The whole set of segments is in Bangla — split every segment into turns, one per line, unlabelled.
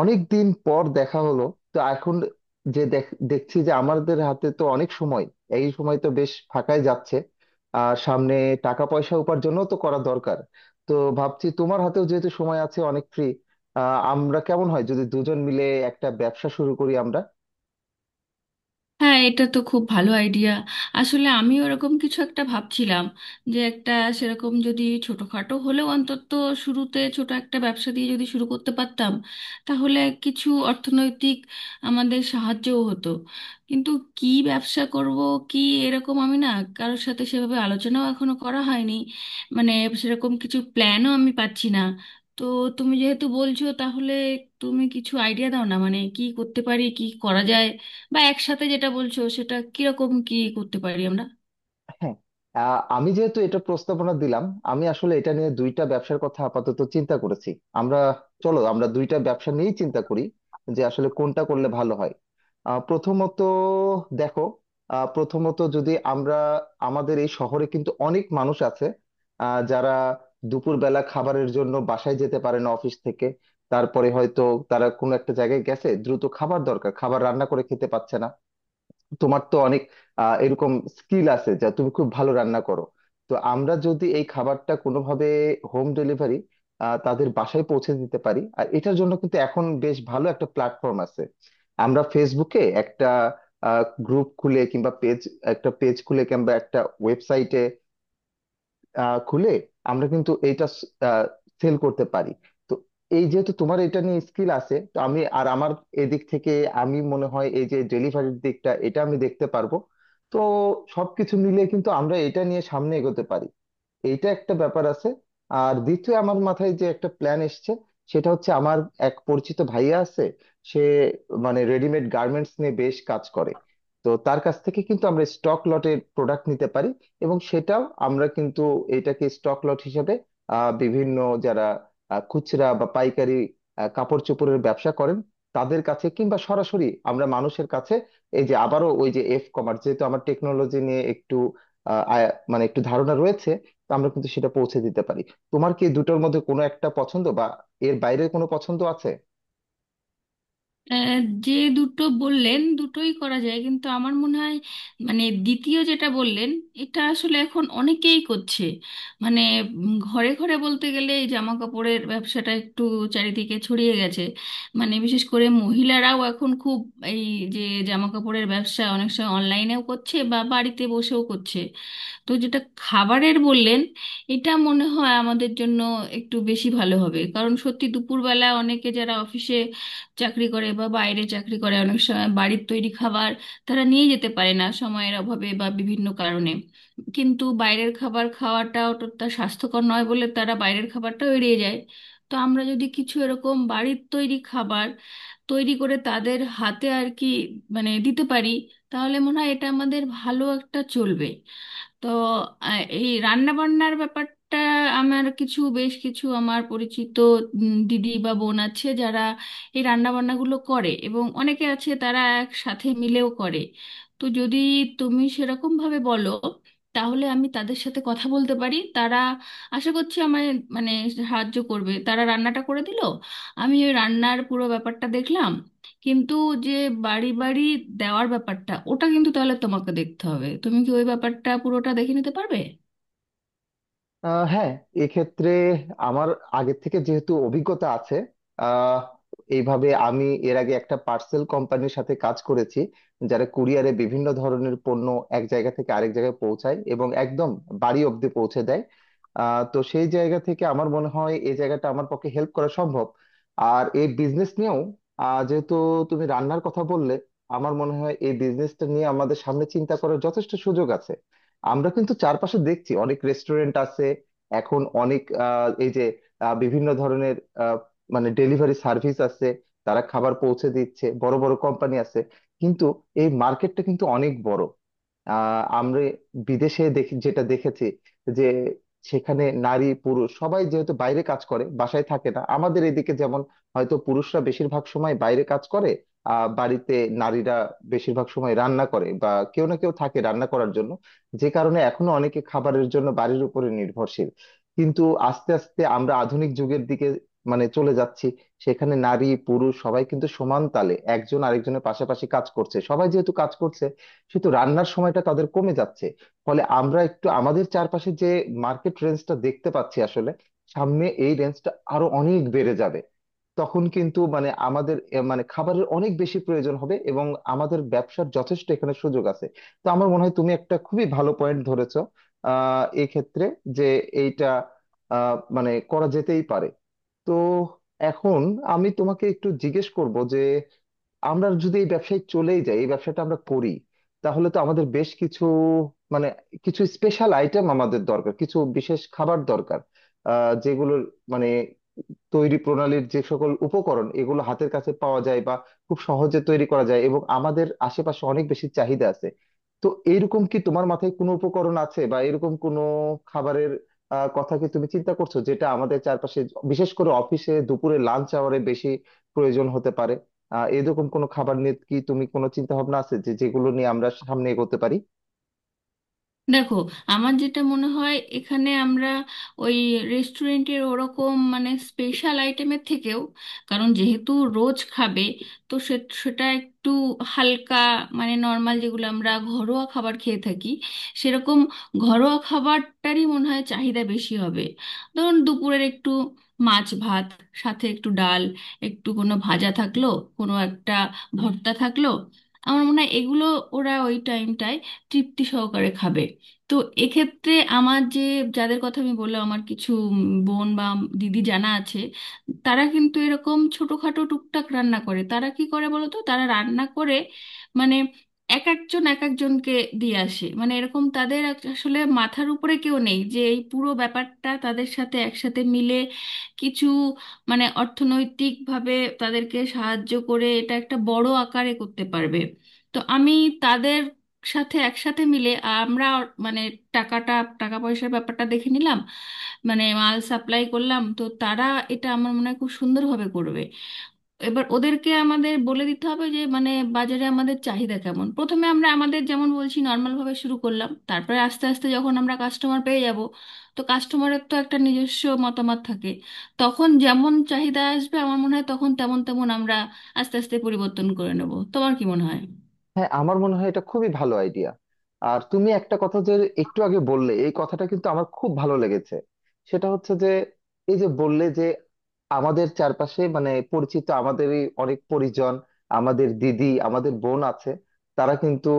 অনেক দিন পর দেখা হলো। তো এখন যে দেখছি যে আমাদের হাতে তো অনেক সময়, এই সময় তো বেশ ফাঁকাই যাচ্ছে। আর সামনে টাকা পয়সা উপার্জনও তো করা দরকার। তো ভাবছি তোমার হাতেও যেহেতু সময় আছে অনেক ফ্রি, আমরা কেমন হয় যদি দুজন মিলে একটা ব্যবসা শুরু করি আমরা।
হ্যাঁ, এটা তো খুব ভালো আইডিয়া। আসলে আমি ওরকম কিছু একটা ভাবছিলাম যে একটা সেরকম যদি ছোটখাটো হলেও অন্তত শুরুতে ছোট একটা ব্যবসা দিয়ে যদি শুরু করতে পারতাম তাহলে কিছু অর্থনৈতিক আমাদের সাহায্যও হতো। কিন্তু কি ব্যবসা করব, কি এরকম, আমি না কারোর সাথে সেভাবে আলোচনাও এখনো করা হয়নি। মানে সেরকম কিছু প্ল্যানও আমি পাচ্ছি না। তো তুমি যেহেতু বলছো তাহলে তুমি কিছু আইডিয়া দাও না, মানে কি করতে পারি, কি করা যায় বা একসাথে যেটা বলছো সেটা কিরকম কি করতে পারি আমরা।
হ্যাঁ, আমি যেহেতু এটা প্রস্তাবনা দিলাম, আমি আসলে এটা নিয়ে দুইটা ব্যবসার কথা আপাতত চিন্তা করেছি। আমরা, চলো আমরা দুইটা ব্যবসা নিয়েই চিন্তা করি যে আসলে কোনটা করলে ভালো হয়। প্রথমত দেখো, প্রথমত যদি আমরা, আমাদের এই শহরে কিন্তু অনেক মানুষ আছে, যারা দুপুরবেলা খাবারের জন্য বাসায় যেতে পারে না অফিস থেকে। তারপরে হয়তো তারা কোনো একটা জায়গায় গেছে, দ্রুত খাবার দরকার, খাবার রান্না করে খেতে পাচ্ছে না। তোমার তো অনেক এরকম স্কিল আছে, যা তুমি খুব ভালো রান্না করো। তো আমরা যদি এই খাবারটা কোনোভাবে হোম ডেলিভারি তাদের বাসায় পৌঁছে দিতে পারি, আর এটার জন্য কিন্তু এখন বেশ ভালো একটা প্ল্যাটফর্ম আছে। আমরা ফেসবুকে একটা গ্রুপ খুলে, কিংবা পেজ, একটা পেজ খুলে, কিংবা একটা ওয়েবসাইটে খুলে আমরা কিন্তু এইটা সেল করতে পারি। তো এই যেহেতু তোমার এটা নিয়ে স্কিল আছে, তো আমি আর আমার এদিক থেকে, আমি মনে হয় এই যে ডেলিভারির দিকটা এটা আমি দেখতে পারবো। তো সবকিছু মিলে কিন্তু আমরা এটা নিয়ে সামনে এগোতে পারি, এইটা একটা ব্যাপার আছে। আর দ্বিতীয় আমার মাথায় যে একটা প্ল্যান এসছে, সেটা হচ্ছে আমার এক পরিচিত ভাইয়া আছে, সে মানে রেডিমেড গার্মেন্টস নিয়ে বেশ কাজ করে। তো তার কাছ থেকে কিন্তু আমরা স্টক লটের প্রোডাক্ট নিতে পারি, এবং সেটাও আমরা কিন্তু এটাকে স্টক লট হিসেবে বিভিন্ন যারা খুচরা বা পাইকারি কাপড় চোপড়ের ব্যবসা করেন তাদের কাছে, কিংবা সরাসরি আমরা মানুষের কাছে, এই যে আবারও ওই যে এফ কমার্স, যেহেতু আমার টেকনোলজি নিয়ে একটু মানে একটু ধারণা রয়েছে, তো আমরা কিন্তু সেটা পৌঁছে দিতে পারি। তোমার কি এই দুটোর মধ্যে কোনো একটা পছন্দ, বা এর বাইরে কোনো পছন্দ আছে?
আহ, যে দুটো বললেন দুটোই করা যায় কিন্তু আমার মনে হয় মানে দ্বিতীয় যেটা বললেন এটা আসলে এখন অনেকেই করছে। মানে ঘরে ঘরে বলতে গেলে এই জামা কাপড়ের ব্যবসাটা একটু চারিদিকে ছড়িয়ে গেছে। মানে বিশেষ করে মহিলারাও এখন খুব এই যে জামা কাপড়ের ব্যবসা অনেক সময় অনলাইনেও করছে বা বাড়িতে বসেও করছে। তো যেটা খাবারের বললেন এটা মনে হয় আমাদের জন্য একটু বেশি ভালো হবে, কারণ সত্যি দুপুরবেলা অনেকে যারা অফিসে চাকরি করে বা বাইরে চাকরি করে অনেক সময় বাড়ির তৈরি খাবার তারা নিয়ে যেতে পারে না সময়ের অভাবে বা বিভিন্ন কারণে। কিন্তু বাইরের খাবার খাওয়াটাও তো তা স্বাস্থ্যকর নয় বলে তারা বাইরের খাবারটাও এড়িয়ে যায়। তো আমরা যদি কিছু এরকম বাড়ির তৈরি খাবার তৈরি করে তাদের হাতে আর কি, মানে দিতে পারি তাহলে মনে হয় এটা আমাদের ভালো একটা চলবে। তো এই রান্না বান্নার ব্যাপারটা, আমার বেশ কিছু আমার পরিচিত দিদি বা বোন আছে যারা এই রান্না বান্নাগুলো করে এবং অনেকে আছে তারা একসাথে মিলেও করে। তো যদি তুমি সেরকম ভাবে বলো তাহলে আমি তাদের সাথে কথা বলতে পারি। তারা আশা করছি আমায় মানে সাহায্য করবে। তারা রান্নাটা করে দিল, আমি ওই রান্নার পুরো ব্যাপারটা দেখলাম। কিন্তু যে বাড়ি বাড়ি দেওয়ার ব্যাপারটা ওটা কিন্তু তাহলে তোমাকে দেখতে হবে, তুমি কি ওই ব্যাপারটা পুরোটা দেখে নিতে পারবে?
হ্যাঁ, এক্ষেত্রে আমার আগে থেকে যেহেতু অভিজ্ঞতা আছে, আহ এইভাবে আমি এর আগে একটা পার্সেল কোম্পানির সাথে কাজ করেছি, যারা কুরিয়ারে বিভিন্ন ধরনের পণ্য এক জায়গা থেকে আরেক জায়গায় পৌঁছায় এবং একদম বাড়ি অব্দি পৌঁছে দেয়। তো সেই জায়গা থেকে আমার মনে হয় এই জায়গাটা আমার পক্ষে হেল্প করা সম্ভব। আর এই বিজনেস নিয়েও যেহেতু তুমি রান্নার কথা বললে, আমার মনে হয় এই বিজনেসটা নিয়ে আমাদের সামনে চিন্তা করার যথেষ্ট সুযোগ আছে। আমরা কিন্তু চারপাশে দেখছি অনেক রেস্টুরেন্ট আছে, এখন অনেক এই যে বিভিন্ন ধরনের আহ, মানে ডেলিভারি সার্ভিস আছে, তারা খাবার পৌঁছে দিচ্ছে, বড় বড় কোম্পানি আছে। কিন্তু এই মার্কেটটা কিন্তু অনেক বড়। আমরা বিদেশে দেখি, যেটা দেখেছি, যে সেখানে নারী পুরুষ সবাই যেহেতু বাইরে কাজ করে বাসায় থাকে না, আমাদের এদিকে যেমন হয়তো পুরুষরা বেশিরভাগ সময় বাইরে কাজ করে, বাড়িতে নারীরা বেশিরভাগ সময় রান্না করে বা কেউ না কেউ থাকে রান্না করার জন্য। যে কারণে এখনো অনেকে খাবারের জন্য বাড়ির উপরে নির্ভরশীল। কিন্তু আস্তে আস্তে আমরা আধুনিক যুগের দিকে মানে চলে যাচ্ছি, সেখানে নারী পুরুষ সবাই কিন্তু সমান তালে একজন আরেকজনের পাশাপাশি কাজ করছে, সবাই যেহেতু কাজ করছে কিন্তু রান্নার সময়টা তাদের কমে যাচ্ছে। ফলে আমরা একটু আমাদের চারপাশে যে মার্কেট রেঞ্জটা দেখতে পাচ্ছি, আসলে সামনে এই রেঞ্জটা আরো অনেক বেড়ে যাবে। তখন কিন্তু মানে আমাদের মানে খাবারের অনেক বেশি প্রয়োজন হবে এবং আমাদের ব্যবসার যথেষ্ট এখানে সুযোগ আছে। তো আমার মনে হয় তুমি একটা খুবই ভালো পয়েন্ট ধরেছো, এই ক্ষেত্রে যে এইটা মানে করা যেতেই পারে। তো এখন আমি তোমাকে একটু জিজ্ঞেস করব যে আমরা যদি এই ব্যবসায় চলেই যাই, এই ব্যবসাটা আমরা করি, তাহলে তো আমাদের বেশ কিছু, মানে কিছু স্পেশাল আইটেম আমাদের দরকার, কিছু বিশেষ খাবার দরকার যেগুলোর মানে তৈরি প্রণালীর যে সকল উপকরণ এগুলো হাতের কাছে পাওয়া যায় বা খুব সহজে তৈরি করা যায় এবং আমাদের আশেপাশে অনেক বেশি চাহিদা আছে। তো এইরকম কি তোমার মাথায় কোনো উপকরণ আছে বা এরকম কোনো খাবারের কথা কি তুমি চিন্তা করছো, যেটা আমাদের চারপাশে বিশেষ করে অফিসে দুপুরে লাঞ্চ আওয়ারে বেশি প্রয়োজন হতে পারে? এরকম কোনো খাবার নিয়ে কি তুমি কোনো চিন্তা ভাবনা আছে যে যেগুলো নিয়ে আমরা সামনে এগোতে পারি?
দেখো, আমার যেটা মনে হয় এখানে আমরা ওই রেস্টুরেন্টের ওরকম মানে স্পেশাল আইটেমের থেকেও, কারণ যেহেতু রোজ খাবে তো সেটা একটু হালকা, মানে নর্মাল যেগুলো আমরা ঘরোয়া খাবার খেয়ে থাকি সেরকম ঘরোয়া খাবারটারই মনে হয় চাহিদা বেশি হবে। ধরুন দুপুরের একটু মাছ ভাত, সাথে একটু ডাল, একটু কোনো ভাজা থাকলো, কোনো একটা ভর্তা থাকলো, আমার মনে হয় এগুলো ওরা ওই টাইমটায় তৃপ্তি সহকারে খাবে। তো এক্ষেত্রে আমার যে যাদের কথা আমি বললাম, আমার কিছু বোন বা দিদি জানা আছে। তারা কিন্তু এরকম ছোটখাটো টুকটাক রান্না করে। তারা কি করে বলো তো, তারা রান্না করে মানে এক একজন এক একজনকে দিয়ে আসে। মানে এরকম তাদের আসলে মাথার উপরে কেউ নেই যে এই পুরো ব্যাপারটা তাদের সাথে একসাথে মিলে কিছু মানে অর্থনৈতিকভাবে তাদেরকে সাহায্য করে এটা একটা বড় আকারে করতে পারবে। তো আমি তাদের সাথে একসাথে মিলে আমরা মানে টাকাটা টাকা পয়সার ব্যাপারটা দেখে নিলাম, মানে মাল সাপ্লাই করলাম, তো তারা এটা আমার মনে হয় খুব সুন্দরভাবে করবে। এবার ওদেরকে আমাদের বলে দিতে হবে যে মানে বাজারে আমাদের চাহিদা কেমন। প্রথমে আমরা আমাদের যেমন বলছি নর্মাল ভাবে শুরু করলাম, তারপরে আস্তে আস্তে যখন আমরা কাস্টমার পেয়ে যাব, তো কাস্টমারের তো একটা নিজস্ব মতামত থাকে, তখন যেমন চাহিদা আসবে আমার মনে হয় তখন তেমন তেমন আমরা আস্তে আস্তে পরিবর্তন করে নেব। তোমার কি মনে হয়?
হ্যাঁ, আমার মনে হয় এটা খুবই ভালো আইডিয়া। আর তুমি একটা কথা যে একটু আগে বললে, এই কথাটা কিন্তু আমার খুব ভালো লেগেছে। সেটা হচ্ছে যে এই যে বললে যে আমাদের চারপাশে মানে পরিচিত আমাদেরই অনেক পরিজন, আমাদের দিদি আমাদের বোন আছে, তারা কিন্তু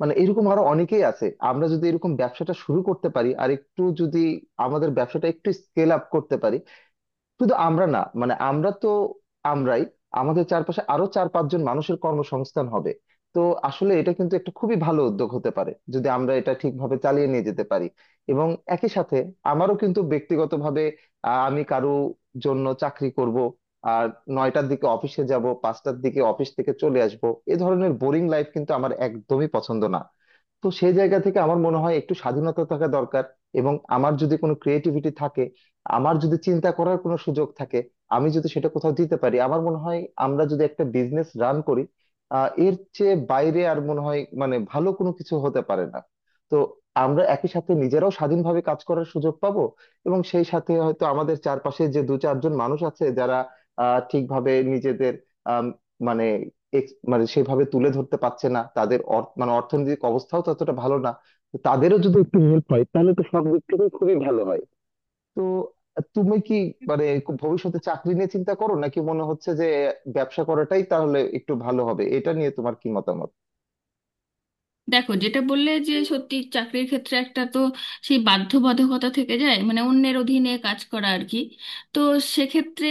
মানে এরকম আরো অনেকেই আছে। আমরা যদি এরকম ব্যবসাটা শুরু করতে পারি আর একটু যদি আমাদের ব্যবসাটা একটু স্কেল আপ করতে পারি, শুধু আমরা না, মানে আমরা তো আমরাই, আমাদের চারপাশে আরো 4-5 জন মানুষের কর্মসংস্থান হবে। তো আসলে এটা কিন্তু একটা খুবই ভালো উদ্যোগ হতে পারে যদি আমরা এটা ঠিকভাবে চালিয়ে নিয়ে যেতে পারি। এবং একই সাথে আমারও কিন্তু ব্যক্তিগতভাবে, আমি কারো জন্য চাকরি করব, আর 9টার দিকে অফিসে যাব, 5টার দিকে অফিস থেকে চলে আসব, এ ধরনের বোরিং লাইফ কিন্তু আমার একদমই পছন্দ না। তো সেই জায়গা থেকে আমার মনে হয় একটু স্বাধীনতা থাকা দরকার, এবং আমার যদি কোনো ক্রিয়েটিভিটি থাকে, আমার যদি চিন্তা করার কোনো সুযোগ থাকে, আমি যদি সেটা কোথাও দিতে পারি, আমার মনে হয় আমরা যদি একটা বিজনেস রান করি, এর চেয়ে বাইরে আর মনে হয় মানে ভালো কোনো কিছু হতে পারে না। তো আমরা একই সাথে নিজেরাও স্বাধীনভাবে কাজ করার সুযোগ পাবো, এবং সেই সাথে হয়তো আমাদের চারপাশে যে 2-4 জন মানুষ আছে, যারা ঠিকভাবে নিজেদের আম, মানে মানে সেভাবে তুলে ধরতে পারছে না, তাদের মানে অর্থনৈতিক অবস্থাও ততটা ভালো না, তো তাদেরও যদি একটু হেল্প হয় তাহলে তো সব দিক থেকে খুবই ভালো হয়। তো তুমি কি মানে ভবিষ্যতে চাকরি নিয়ে চিন্তা করো, নাকি মনে হচ্ছে যে ব্যবসা করাটাই তাহলে একটু ভালো হবে? এটা নিয়ে তোমার কি মতামত?
দেখো, যেটা বললে যে সত্যি চাকরির ক্ষেত্রে একটা তো সেই বাধ্যবাধকতা থেকে যায়, মানে অন্যের অধীনে কাজ করা আর কি। তো সেক্ষেত্রে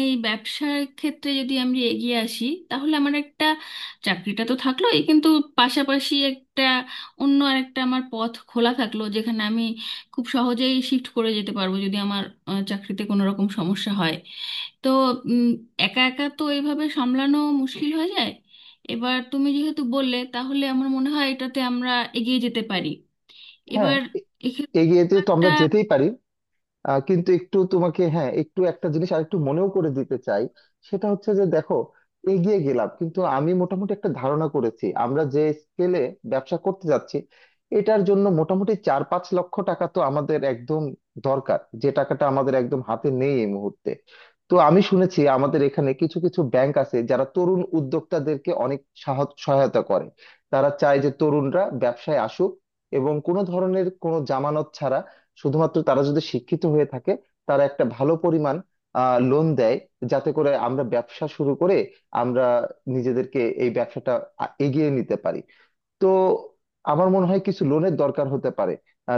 এই ব্যবসার ক্ষেত্রে যদি আমি এগিয়ে আসি তাহলে আমার একটা চাকরিটা তো থাকলোই, কিন্তু পাশাপাশি একটা অন্য আরেকটা আমার পথ খোলা থাকলো যেখানে আমি খুব সহজেই শিফট করে যেতে পারবো যদি আমার চাকরিতে কোনো রকম সমস্যা হয়। তো উম, একা একা তো এইভাবে সামলানো মুশকিল হয়ে যায়। এবার তুমি যেহেতু বললে তাহলে আমার মনে হয় এটাতে আমরা এগিয়ে যেতে পারি।
হ্যাঁ
এবার এক্ষেত্রে
এগিয়ে যেতে
কোনো
তো
একটা
আমরা যেতেই পারি, কিন্তু একটু তোমাকে, হ্যাঁ, একটু একটা জিনিস আরেকটু মনেও করে দিতে চাই। সেটা হচ্ছে যে দেখো, এগিয়ে গেলাম, কিন্তু আমি মোটামুটি একটা ধারণা করেছি আমরা যে স্কেলে ব্যবসা করতে যাচ্ছি, এটার জন্য মোটামুটি 4-5 লক্ষ টাকা তো আমাদের একদম দরকার, যে টাকাটা আমাদের একদম হাতে নেই এই মুহূর্তে। তো আমি শুনেছি আমাদের এখানে কিছু কিছু ব্যাংক আছে যারা তরুণ উদ্যোক্তাদেরকে অনেক সহায়তা করে, তারা চায় যে তরুণরা ব্যবসায় আসুক, এবং কোনো ধরনের কোনো জামানত ছাড়া শুধুমাত্র তারা যদি শিক্ষিত হয়ে থাকে, তারা একটা ভালো পরিমাণ লোন দেয়, যাতে করে আমরা ব্যবসা শুরু করে আমরা নিজেদেরকে এই ব্যবসাটা এগিয়ে নিতে পারি। তো আমার মনে হয় কিছু লোনের দরকার হতে পারে।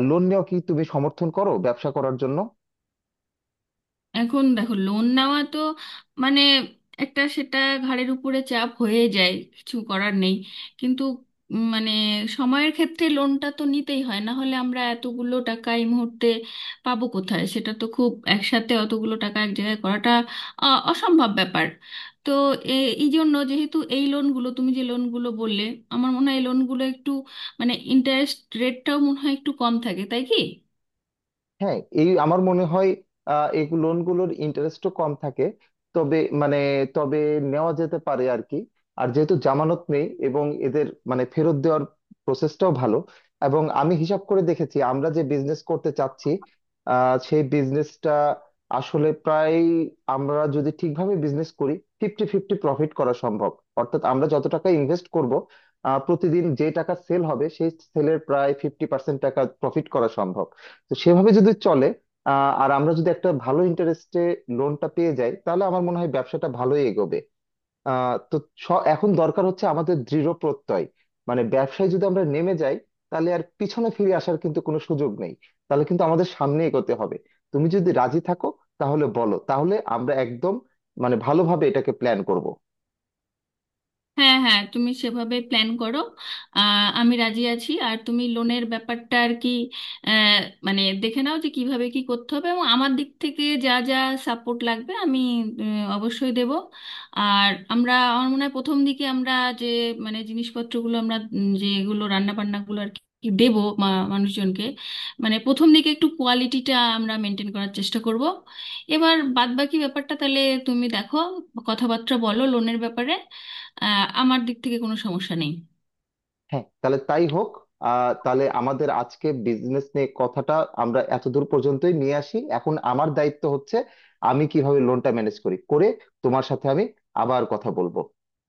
লোন নেওয়া কি তুমি সমর্থন করো ব্যবসা করার জন্য?
এখন দেখো, লোন নেওয়া তো মানে একটা সেটা ঘাড়ের উপরে চাপ হয়ে যায়, কিছু করার নেই। কিন্তু মানে সময়ের ক্ষেত্রে লোনটা তো নিতেই হয়, না হলে আমরা এতগুলো টাকা এই মুহূর্তে পাবো কোথায়? সেটা তো খুব একসাথে অতগুলো টাকা এক জায়গায় করাটা আ, অসম্ভব ব্যাপার। তো এই জন্য যেহেতু এই লোনগুলো, তুমি যে লোনগুলো বললে আমার মনে হয় এই লোনগুলো একটু মানে ইন্টারেস্ট রেটটাও মনে হয় একটু কম থাকে, তাই কি?
হ্যাঁ, এই আমার মনে হয় এই লোনগুলোর ইন্টারেস্টও কম থাকে। তবে মানে, তবে নেওয়া যেতে পারে আর কি। আর যেহেতু জামানত নেই এবং এদের মানে ফেরত দেওয়ার প্রসেসটাও ভালো, এবং আমি হিসাব করে দেখেছি আমরা যে বিজনেস করতে চাচ্ছি সেই বিজনেসটা আসলে প্রায়, আমরা যদি ঠিকভাবে বিজনেস করি, ফিফটি ফিফটি প্রফিট করা সম্ভব। অর্থাৎ আমরা যত টাকা ইনভেস্ট করব, প্রতিদিন যে টাকা সেল হবে সেই সেলের প্রায় 50% টাকা প্রফিট করা সম্ভব। তো সেভাবে যদি চলে, আর আমরা যদি একটা ভালো ইন্টারেস্টে লোনটা পেয়ে যাই, তাহলে আমার মনে হয় ব্যবসাটা ভালোই এগোবে। তো এখন দরকার হচ্ছে আমাদের দৃঢ় প্রত্যয়, মানে ব্যবসায় যদি আমরা নেমে যাই, তাহলে আর পিছনে ফিরে আসার কিন্তু কোনো সুযোগ নেই, তাহলে কিন্তু আমাদের সামনে এগোতে হবে। তুমি যদি রাজি থাকো তাহলে বলো, তাহলে আমরা একদম মানে ভালোভাবে এটাকে প্ল্যান করব।
হ্যাঁ হ্যাঁ, তুমি সেভাবে প্ল্যান করো। আমি রাজি আছি। আর তুমি লোনের ব্যাপারটা আর কি, আহ, মানে দেখে নাও যে কিভাবে কি করতে হবে। এবং আমার দিক থেকে যা যা সাপোর্ট লাগবে আমি অবশ্যই দেব। আর আমরা, আমার মনে হয় প্রথম দিকে আমরা যে মানে জিনিসপত্রগুলো আমরা যেগুলো রান্না বান্নাগুলো আর কি দেবো মা মানুষজনকে, মানে প্রথম দিকে একটু কোয়ালিটিটা আমরা মেনটেন করার চেষ্টা করব। এবার বাদবাকি ব্যাপারটা তাহলে তুমি দেখো, কথাবার্তা বলো লোনের ব্যাপারে। আহ, আমার দিক থেকে কোনো সমস্যা নেই।
হ্যাঁ তাহলে তাই হোক। তাহলে আমাদের আজকে বিজনেস নিয়ে কথাটা আমরা এতদূর পর্যন্তই নিয়ে আসি। এখন আমার দায়িত্ব হচ্ছে আমি কিভাবে লোনটা ম্যানেজ করি, করে তোমার সাথে আমি আবার কথা বলবো।